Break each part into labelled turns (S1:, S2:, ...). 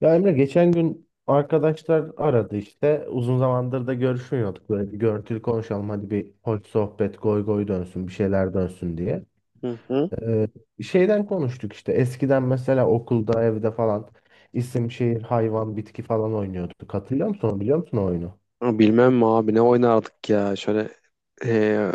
S1: Ya Emre geçen gün arkadaşlar aradı işte. Uzun zamandır da görüşmüyorduk. Böyle bir görüntülü konuşalım hadi bir hoş sohbet goy goy dönsün bir şeyler dönsün diye.
S2: Hı hı.
S1: Ee, şeyden konuştuk işte eskiden mesela okulda evde falan isim şehir hayvan bitki falan oynuyorduk. Hatırlıyor musun onu biliyor musun o oyunu?
S2: Ama bilmem mi abi, ne oynardık ya şöyle, eee,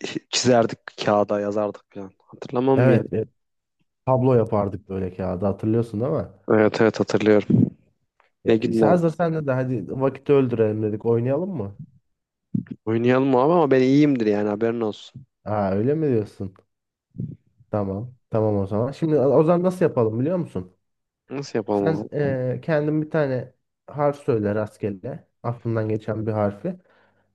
S2: çizerdik, kağıda yazardık falan, hatırlamam mı ya?
S1: Evet tablo yapardık böyle kağıda hatırlıyorsun değil mi?
S2: Evet, evet, hatırlıyorum.
S1: Ya,
S2: Ne
S1: işte
S2: günler.
S1: hazır sen de hadi vakit öldürelim dedik oynayalım mı?
S2: Oynayalım abi, ama ben iyiyimdir yani, haberin olsun.
S1: Ha öyle mi diyorsun? Tamam tamam o zaman. Şimdi o zaman nasıl yapalım biliyor musun?
S2: Nasıl yapalım
S1: Sen
S2: abi?
S1: kendin bir tane harf söyle rastgele. Aklından geçen bir harfi.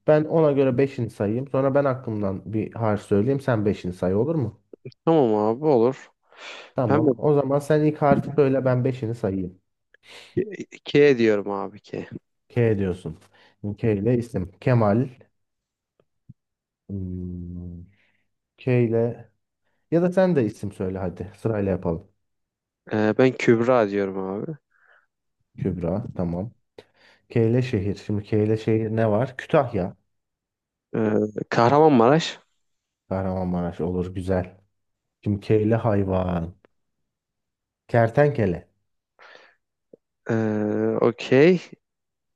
S1: Ben ona göre beşini sayayım. Sonra ben aklımdan bir harf söyleyeyim. Sen beşini say olur mu?
S2: Tamam abi, olur. Ben mi?
S1: Tamam. O zaman sen ilk harfi söyle ben beşini sayayım.
S2: K diyorum abi, K.
S1: K diyorsun. K ile isim. Kemal. Hmm, K ile ya da sen de isim söyle hadi. Sırayla yapalım.
S2: Ben Kübra diyorum abi.
S1: Kübra. Tamam. K ile şehir. Şimdi K ile şehir ne var? Kütahya.
S2: Kahramanmaraş.
S1: Kahramanmaraş olur güzel. Şimdi K ile hayvan. Kertenkele.
S2: Ee, Okey.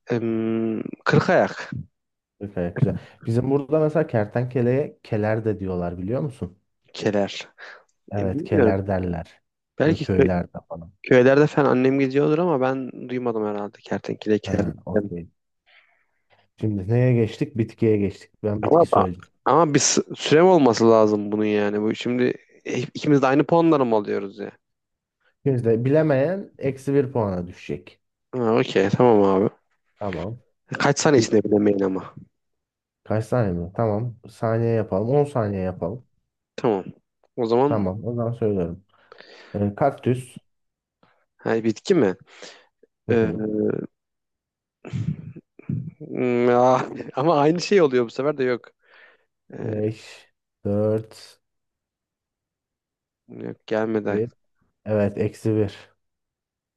S2: Kırkayak.
S1: Gayet güzel. Bizim burada mesela kertenkeleye keler de diyorlar biliyor musun?
S2: Keler.
S1: Evet
S2: Bilmiyorum.
S1: keler derler. Böyle
S2: Belki
S1: köylerde falan.
S2: köylerde falan annem gidiyordur, ama ben duymadım herhalde, kertenkele
S1: Ha,
S2: keler.
S1: okey. Şimdi neye geçtik? Bitkiye geçtik. Ben bitki
S2: Ama
S1: söyleyeceğim.
S2: ama bir sürem olması lazım bunun yani. Bu şimdi, ikimiz de aynı puanları mı alıyoruz ya?
S1: Şimdi bilemeyen eksi bir puana düşecek.
S2: Ha, okey, tamam abi.
S1: Tamam.
S2: Kaç saniye içinde
S1: Bitki.
S2: bilemeyin ama.
S1: Kaç saniye mi? Tamam. Saniye yapalım. 10 saniye yapalım.
S2: Tamam. O zaman,
S1: Tamam. O zaman söylüyorum. Kaktüs.
S2: ha, bitki mi?
S1: Hı
S2: Ee,
S1: hı.
S2: Ah. Ama aynı şey oluyor bu sefer de, yok. Ee,
S1: 5, 4,
S2: Yok, gelmedi
S1: 1.
S2: aklıma.
S1: Evet eksi bir.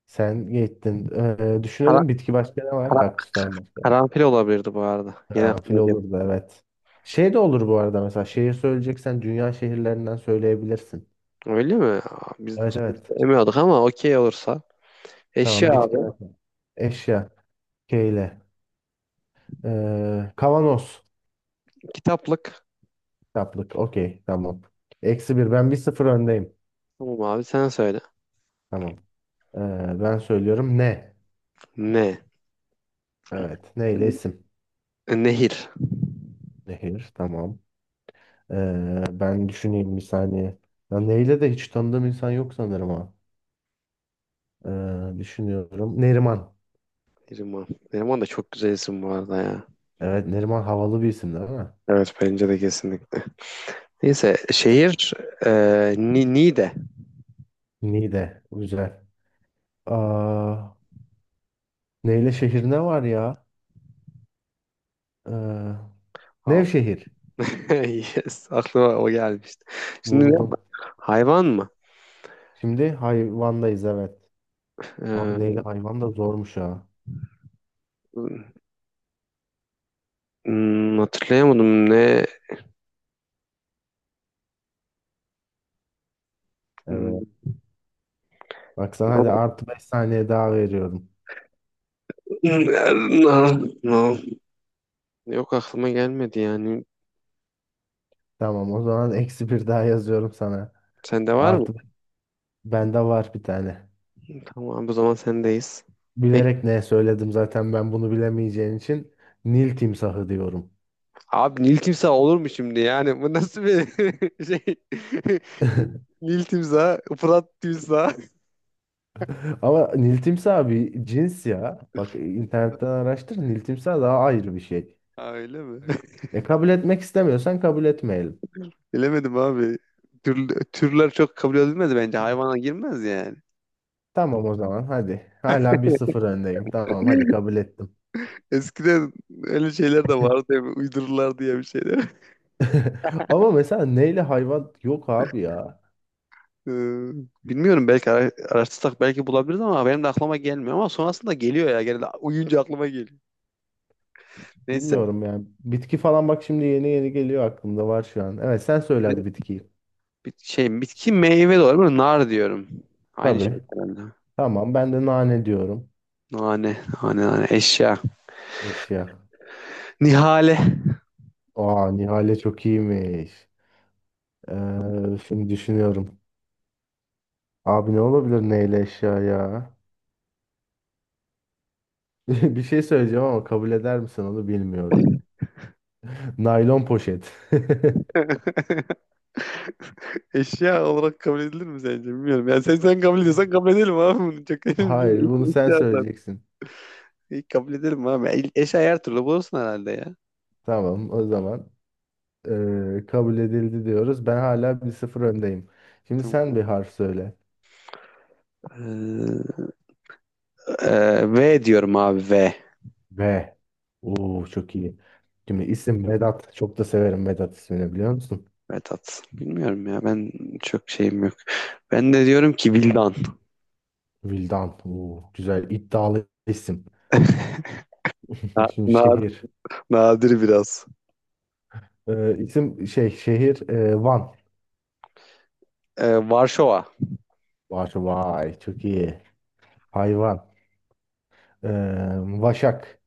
S1: Sen gittin.
S2: Kara,
S1: Düşünelim bitki başka ne var?
S2: kara-
S1: Kaktüsten başka.
S2: Karanfil olabilirdi bu arada. Yine
S1: Karanfil
S2: aklıma geldi.
S1: olurdu evet. Şey de olur bu arada mesela şehir söyleyeceksen dünya şehirlerinden söyleyebilirsin.
S2: Öyle mi? Aa, biz
S1: Evet evet.
S2: emiyorduk ama, okey olursa.
S1: Tamam
S2: Eşya abi.
S1: bitki nakli. Eşya. Keyle. Kavanoz.
S2: Kitaplık.
S1: Kitaplık. Okey tamam. Eksi bir. Ben bir sıfır öndeyim.
S2: Tamam abi, sen söyle.
S1: Tamam. Ee, ben söylüyorum ne?
S2: Ne?
S1: Evet. Neyle isim?
S2: Nehir.
S1: Nehir. Tamam. Ben düşüneyim bir saniye. Ya neyle de hiç tanıdığım insan yok sanırım ha. Düşünüyorum. Neriman.
S2: Neriman. Neriman da çok güzel isim bu arada ya.
S1: Evet Neriman havalı bir isim değil mi?
S2: Evet, bence de kesinlikle. Neyse, şehir, e, Ni Niğde.
S1: Niğde. Güzel. Aa, neyle şehir ne var ya? Ee,
S2: Al.
S1: Nevşehir.
S2: Yes, aklıma o gelmişti. Şimdi ne?
S1: Buldum.
S2: Hayvan mı?
S1: Şimdi hayvandayız evet. Abi neyle hayvan da zormuş ha.
S2: Ee, Hatırlayamadım ne. Hmm,
S1: Evet. Baksana hadi artı beş saniye daha veriyorum.
S2: ama- Yok, aklıma gelmedi yani.
S1: Tamam o zaman eksi bir daha yazıyorum sana.
S2: Sende var mı?
S1: Artı bende var bir tane.
S2: Tamam, bu zaman sendeyiz. Ne?
S1: Bilerek ne söyledim zaten ben bunu bilemeyeceğin için Nil timsahı diyorum.
S2: Abi, Nil timsah olur mu şimdi yani? Bu nasıl bir şey? Nil, Nil timsah, Fırat timsah.
S1: Ama Nil timsahı bir cins ya. Bak internetten araştır. Nil timsahı daha ayrı bir şey.
S2: Ha, öyle mi?
S1: E kabul etmek istemiyorsan kabul etmeyelim.
S2: Bilemedim abi. Türler çok kabul edilmez bence. Hayvana girmez yani.
S1: Tamam o zaman hadi. Hala bir sıfır öndeyim. Tamam hadi kabul ettim.
S2: Eskiden öyle şeyler de vardı ya, uydururlar diye bir şeyler.
S1: Ama mesela neyle hayvan yok abi ya.
S2: Ee, Bilmiyorum, belki araştırsak belki bulabiliriz, ama benim de aklıma gelmiyor, ama sonrasında geliyor ya, genelde uyuyunca aklıma geliyor. Neyse.
S1: Bilmiyorum yani. Bitki falan bak şimdi yeni yeni geliyor aklımda var şu an. Evet sen söyle hadi bitkiyi.
S2: Bir şey, bitki meyve de olabilir. Böyle nar diyorum. Aynı şey
S1: Tabii.
S2: herhalde.
S1: Tamam ben de nane diyorum.
S2: Nane, nane, nane, eşya.
S1: Eşya.
S2: Nihale.
S1: Aa Nihal'e çok iyiymiş. Şimdi düşünüyorum. Abi ne olabilir neyle eşya ya? Bir şey söyleyeceğim ama kabul eder misin onu bilmiyorum. Naylon poşet.
S2: Eşya olarak kabul edilir mi sence? Bilmiyorum. Yani, sen kabul ediyorsan kabul edelim abi bunu. Çok önemli
S1: Hayır,
S2: değil.
S1: bunu sen
S2: Eşya zaten.
S1: söyleyeceksin.
S2: İyi, kabul edelim abi. Eşya her türlü bulursun herhalde ya.
S1: Tamam, o zaman kabul edildi diyoruz. Ben hala bir sıfır öndeyim. Şimdi sen
S2: Tamam.
S1: bir harf söyle.
S2: Ee, V diyorum abi, V.
S1: V. Oo çok iyi. Şimdi isim Vedat. Çok da severim Vedat ismini biliyor musun?
S2: Vedat. Bilmiyorum ya, ben çok şeyim yok. Ben de diyorum ki Vildan.
S1: Vildan. Oo, güzel iddialı isim.
S2: Na-
S1: Şimdi
S2: na-
S1: şehir.
S2: Nadir biraz.
S1: İsim şey şehir Van.
S2: Varşova.
S1: Vay, vay çok iyi. Hayvan. Eee, Vaşak.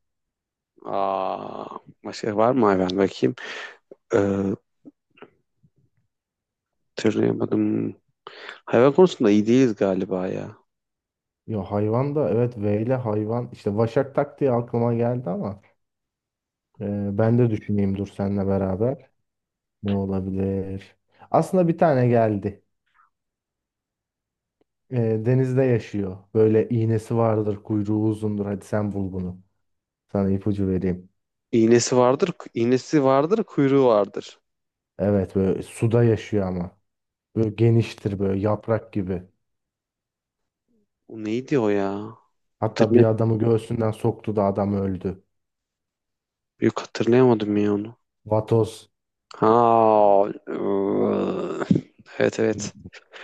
S2: Aa, başka var mı hayvan, bakayım? Ee, Hatırlayamadım. Hayvan konusunda iyi değiliz galiba ya.
S1: Yo hayvan da evet V ile hayvan. İşte Vaşak tak diye aklıma geldi ama. Ben de düşüneyim dur seninle beraber. Ne olabilir? Aslında bir tane geldi. Ee, denizde yaşıyor. Böyle iğnesi vardır, kuyruğu uzundur. Hadi sen bul bunu. Sana ipucu vereyim.
S2: İğnesi vardır, kuyruğu vardır.
S1: Evet böyle suda yaşıyor ama. Böyle geniştir böyle yaprak gibi.
S2: O neydi o ya?
S1: Hatta bir
S2: Hatırlayam
S1: adamı göğsünden soktu da adam öldü.
S2: Yok, hatırlayamadım ya onu.
S1: Vatoz.
S2: Ha, ıı, evet, evet.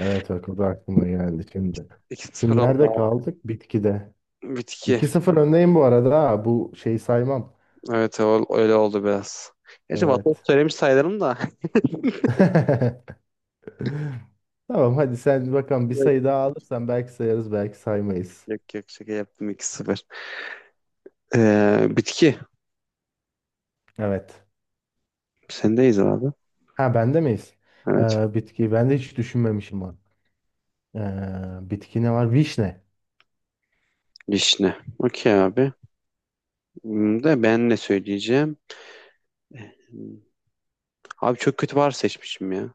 S1: Evet bak o da aklıma geldi şimdi.
S2: 2 sıfır
S1: Şimdi
S2: oldu
S1: nerede
S2: abi.
S1: kaldık? Bitkide.
S2: Bitki.
S1: 2-0 öndeyim bu arada, ha. Bu şeyi saymam.
S2: Evet, öyle oldu biraz. Gerçi Vatos
S1: Evet.
S2: söylemiş sayılırım da.
S1: Tamam hadi sen bakalım bir
S2: Yok,
S1: sayı daha alırsan belki sayarız belki saymayız.
S2: yok, yok, şaka yaptım 2-0. Bitki.
S1: Evet.
S2: Sendeyiz abi.
S1: Ha bende miyiz?
S2: Evet.
S1: Bitki ben de hiç düşünmemişim bak. Bitki ne var? Vişne.
S2: Vişne. Okey abi. De ben ne söyleyeceğim? Hmm, Abi çok kötü var seçmişim ya.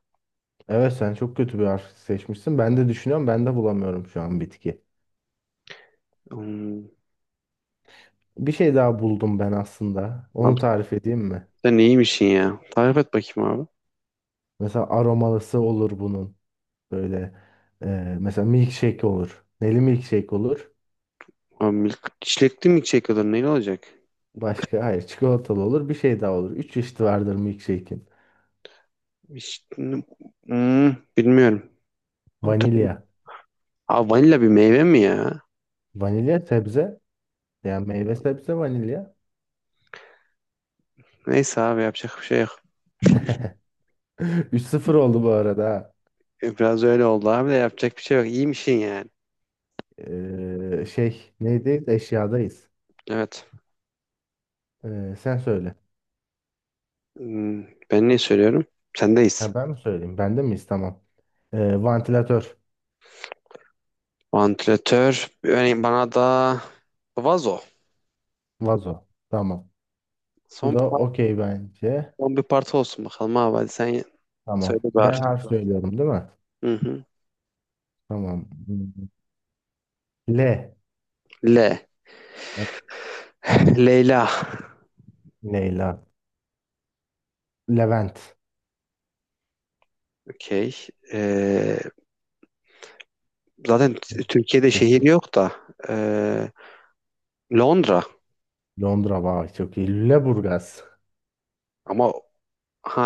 S1: Evet sen çok kötü bir harf seçmişsin. Ben de düşünüyorum ben de bulamıyorum şu an bitki.
S2: Hmm,
S1: Bir şey daha buldum ben aslında. Onu
S2: Abi
S1: tarif edeyim mi?
S2: sen neymişsin ya? Tarif et bakayım abi.
S1: Mesela aromalısı olur bunun. Böyle mesela milkshake olur. Neli milkshake olur.
S2: Abi, milk, çilekli mi çekiyorlar? Neyle olacak?
S1: Başka hayır çikolatalı olur. Bir şey daha olur. Üç çeşit vardır milkshake'in.
S2: Vişne- Bilmiyorum.
S1: Vanilya.
S2: Hatırlamıyorum. Abi, vanilla bir meyve mi ya?
S1: Vanilya sebze. Yani meyve sebze vanilya.
S2: Neyse abi, yapacak bir şey yok.
S1: 3 sıfır oldu bu arada, ha.
S2: Biraz öyle oldu abi de, yapacak bir şey yok. İyiymişsin yani.
S1: Şey neydeyiz? Eşyadayız.
S2: Evet.
S1: Sen söyle.
S2: Hmm, Ben ne söylüyorum?
S1: Ha,
S2: Sendeyiz.
S1: ben mi söyleyeyim? Ben de miyiz? Tamam. Vantilatör.
S2: Vantilatör. Örneğin bana da vazo.
S1: Vazo. Tamam. Bu
S2: Son,
S1: da
S2: pa-
S1: okey bence.
S2: Son bir parti olsun bakalım abi. Hadi sen söyle
S1: Tamam. Ben
S2: bari.
S1: harf tamam söylüyorum değil mi?
S2: Hı hı.
S1: Tamam. Hmm. Le.
S2: L. Leyla.
S1: Leyla. Levent.
S2: Okey. Ee, Zaten Türkiye'de şehir yok da. ee, Londra.
S1: Londra. Vay çok iyi. Lüleburgaz.
S2: Ama, ha,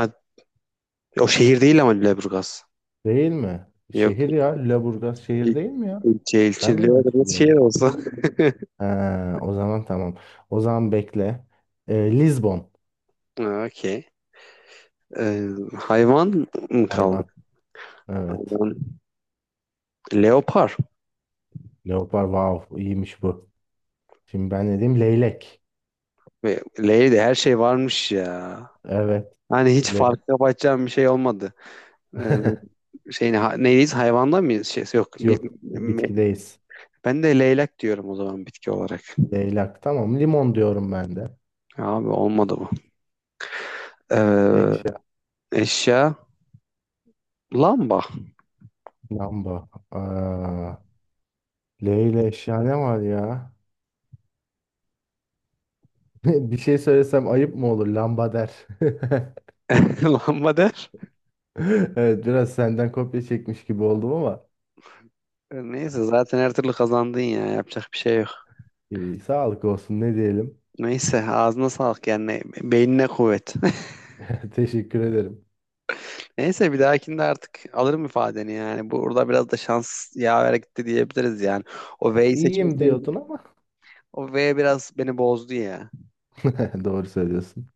S2: o şehir değil ama Lüleburgaz.
S1: Değil mi?
S2: Yok.
S1: Şehir ya. Lüleburgaz
S2: İl-
S1: şehir değil mi ya?
S2: ilçe
S1: Ben
S2: ilçe
S1: mi yanlış
S2: Lüleburgaz şehir
S1: biliyorum?
S2: olsa.
S1: Ha, o zaman tamam. O zaman bekle. Lizbon
S2: Ha, okey. Ee, Hayvan mı kaldı?
S1: hayvan. Evet.
S2: Hayvan. Leopar.
S1: Leopar wow iyiymiş bu. Şimdi ben ne diyeyim? Leylek.
S2: Ve L'de her şey varmış ya.
S1: Evet.
S2: Hani hiç
S1: Le
S2: fark yapacağım bir şey olmadı. Ee, şey ne, neyiz, hayvanda mıyız? Şey, yok.
S1: Yok
S2: Me-
S1: bitkideyiz.
S2: Ben de leylek diyorum o zaman, bitki olarak.
S1: Leylak tamam. Limon diyorum ben de.
S2: Abi olmadı bu. Ee,
S1: Eşya.
S2: Eşya, lamba.
S1: Lamba. Aa, Leyla eşya ne var ya? Bir şey söylesem ayıp mı olur? Lamba der.
S2: Lamba der.
S1: Evet biraz senden kopya çekmiş gibi oldum ama.
S2: Neyse, zaten her türlü kazandın ya. Yapacak bir şey yok.
S1: Sağlık olsun ne diyelim.
S2: Neyse, ağzına sağlık yani, beynine kuvvet.
S1: Teşekkür ederim.
S2: Neyse, bir dahakinde artık alırım ifadeni yani. Burada biraz da şans yaver gitti diyebiliriz yani. O V'yi
S1: İyiyim diyordun
S2: seçmeseydim.
S1: ama
S2: O V biraz beni bozdu ya.
S1: doğru söylüyorsun.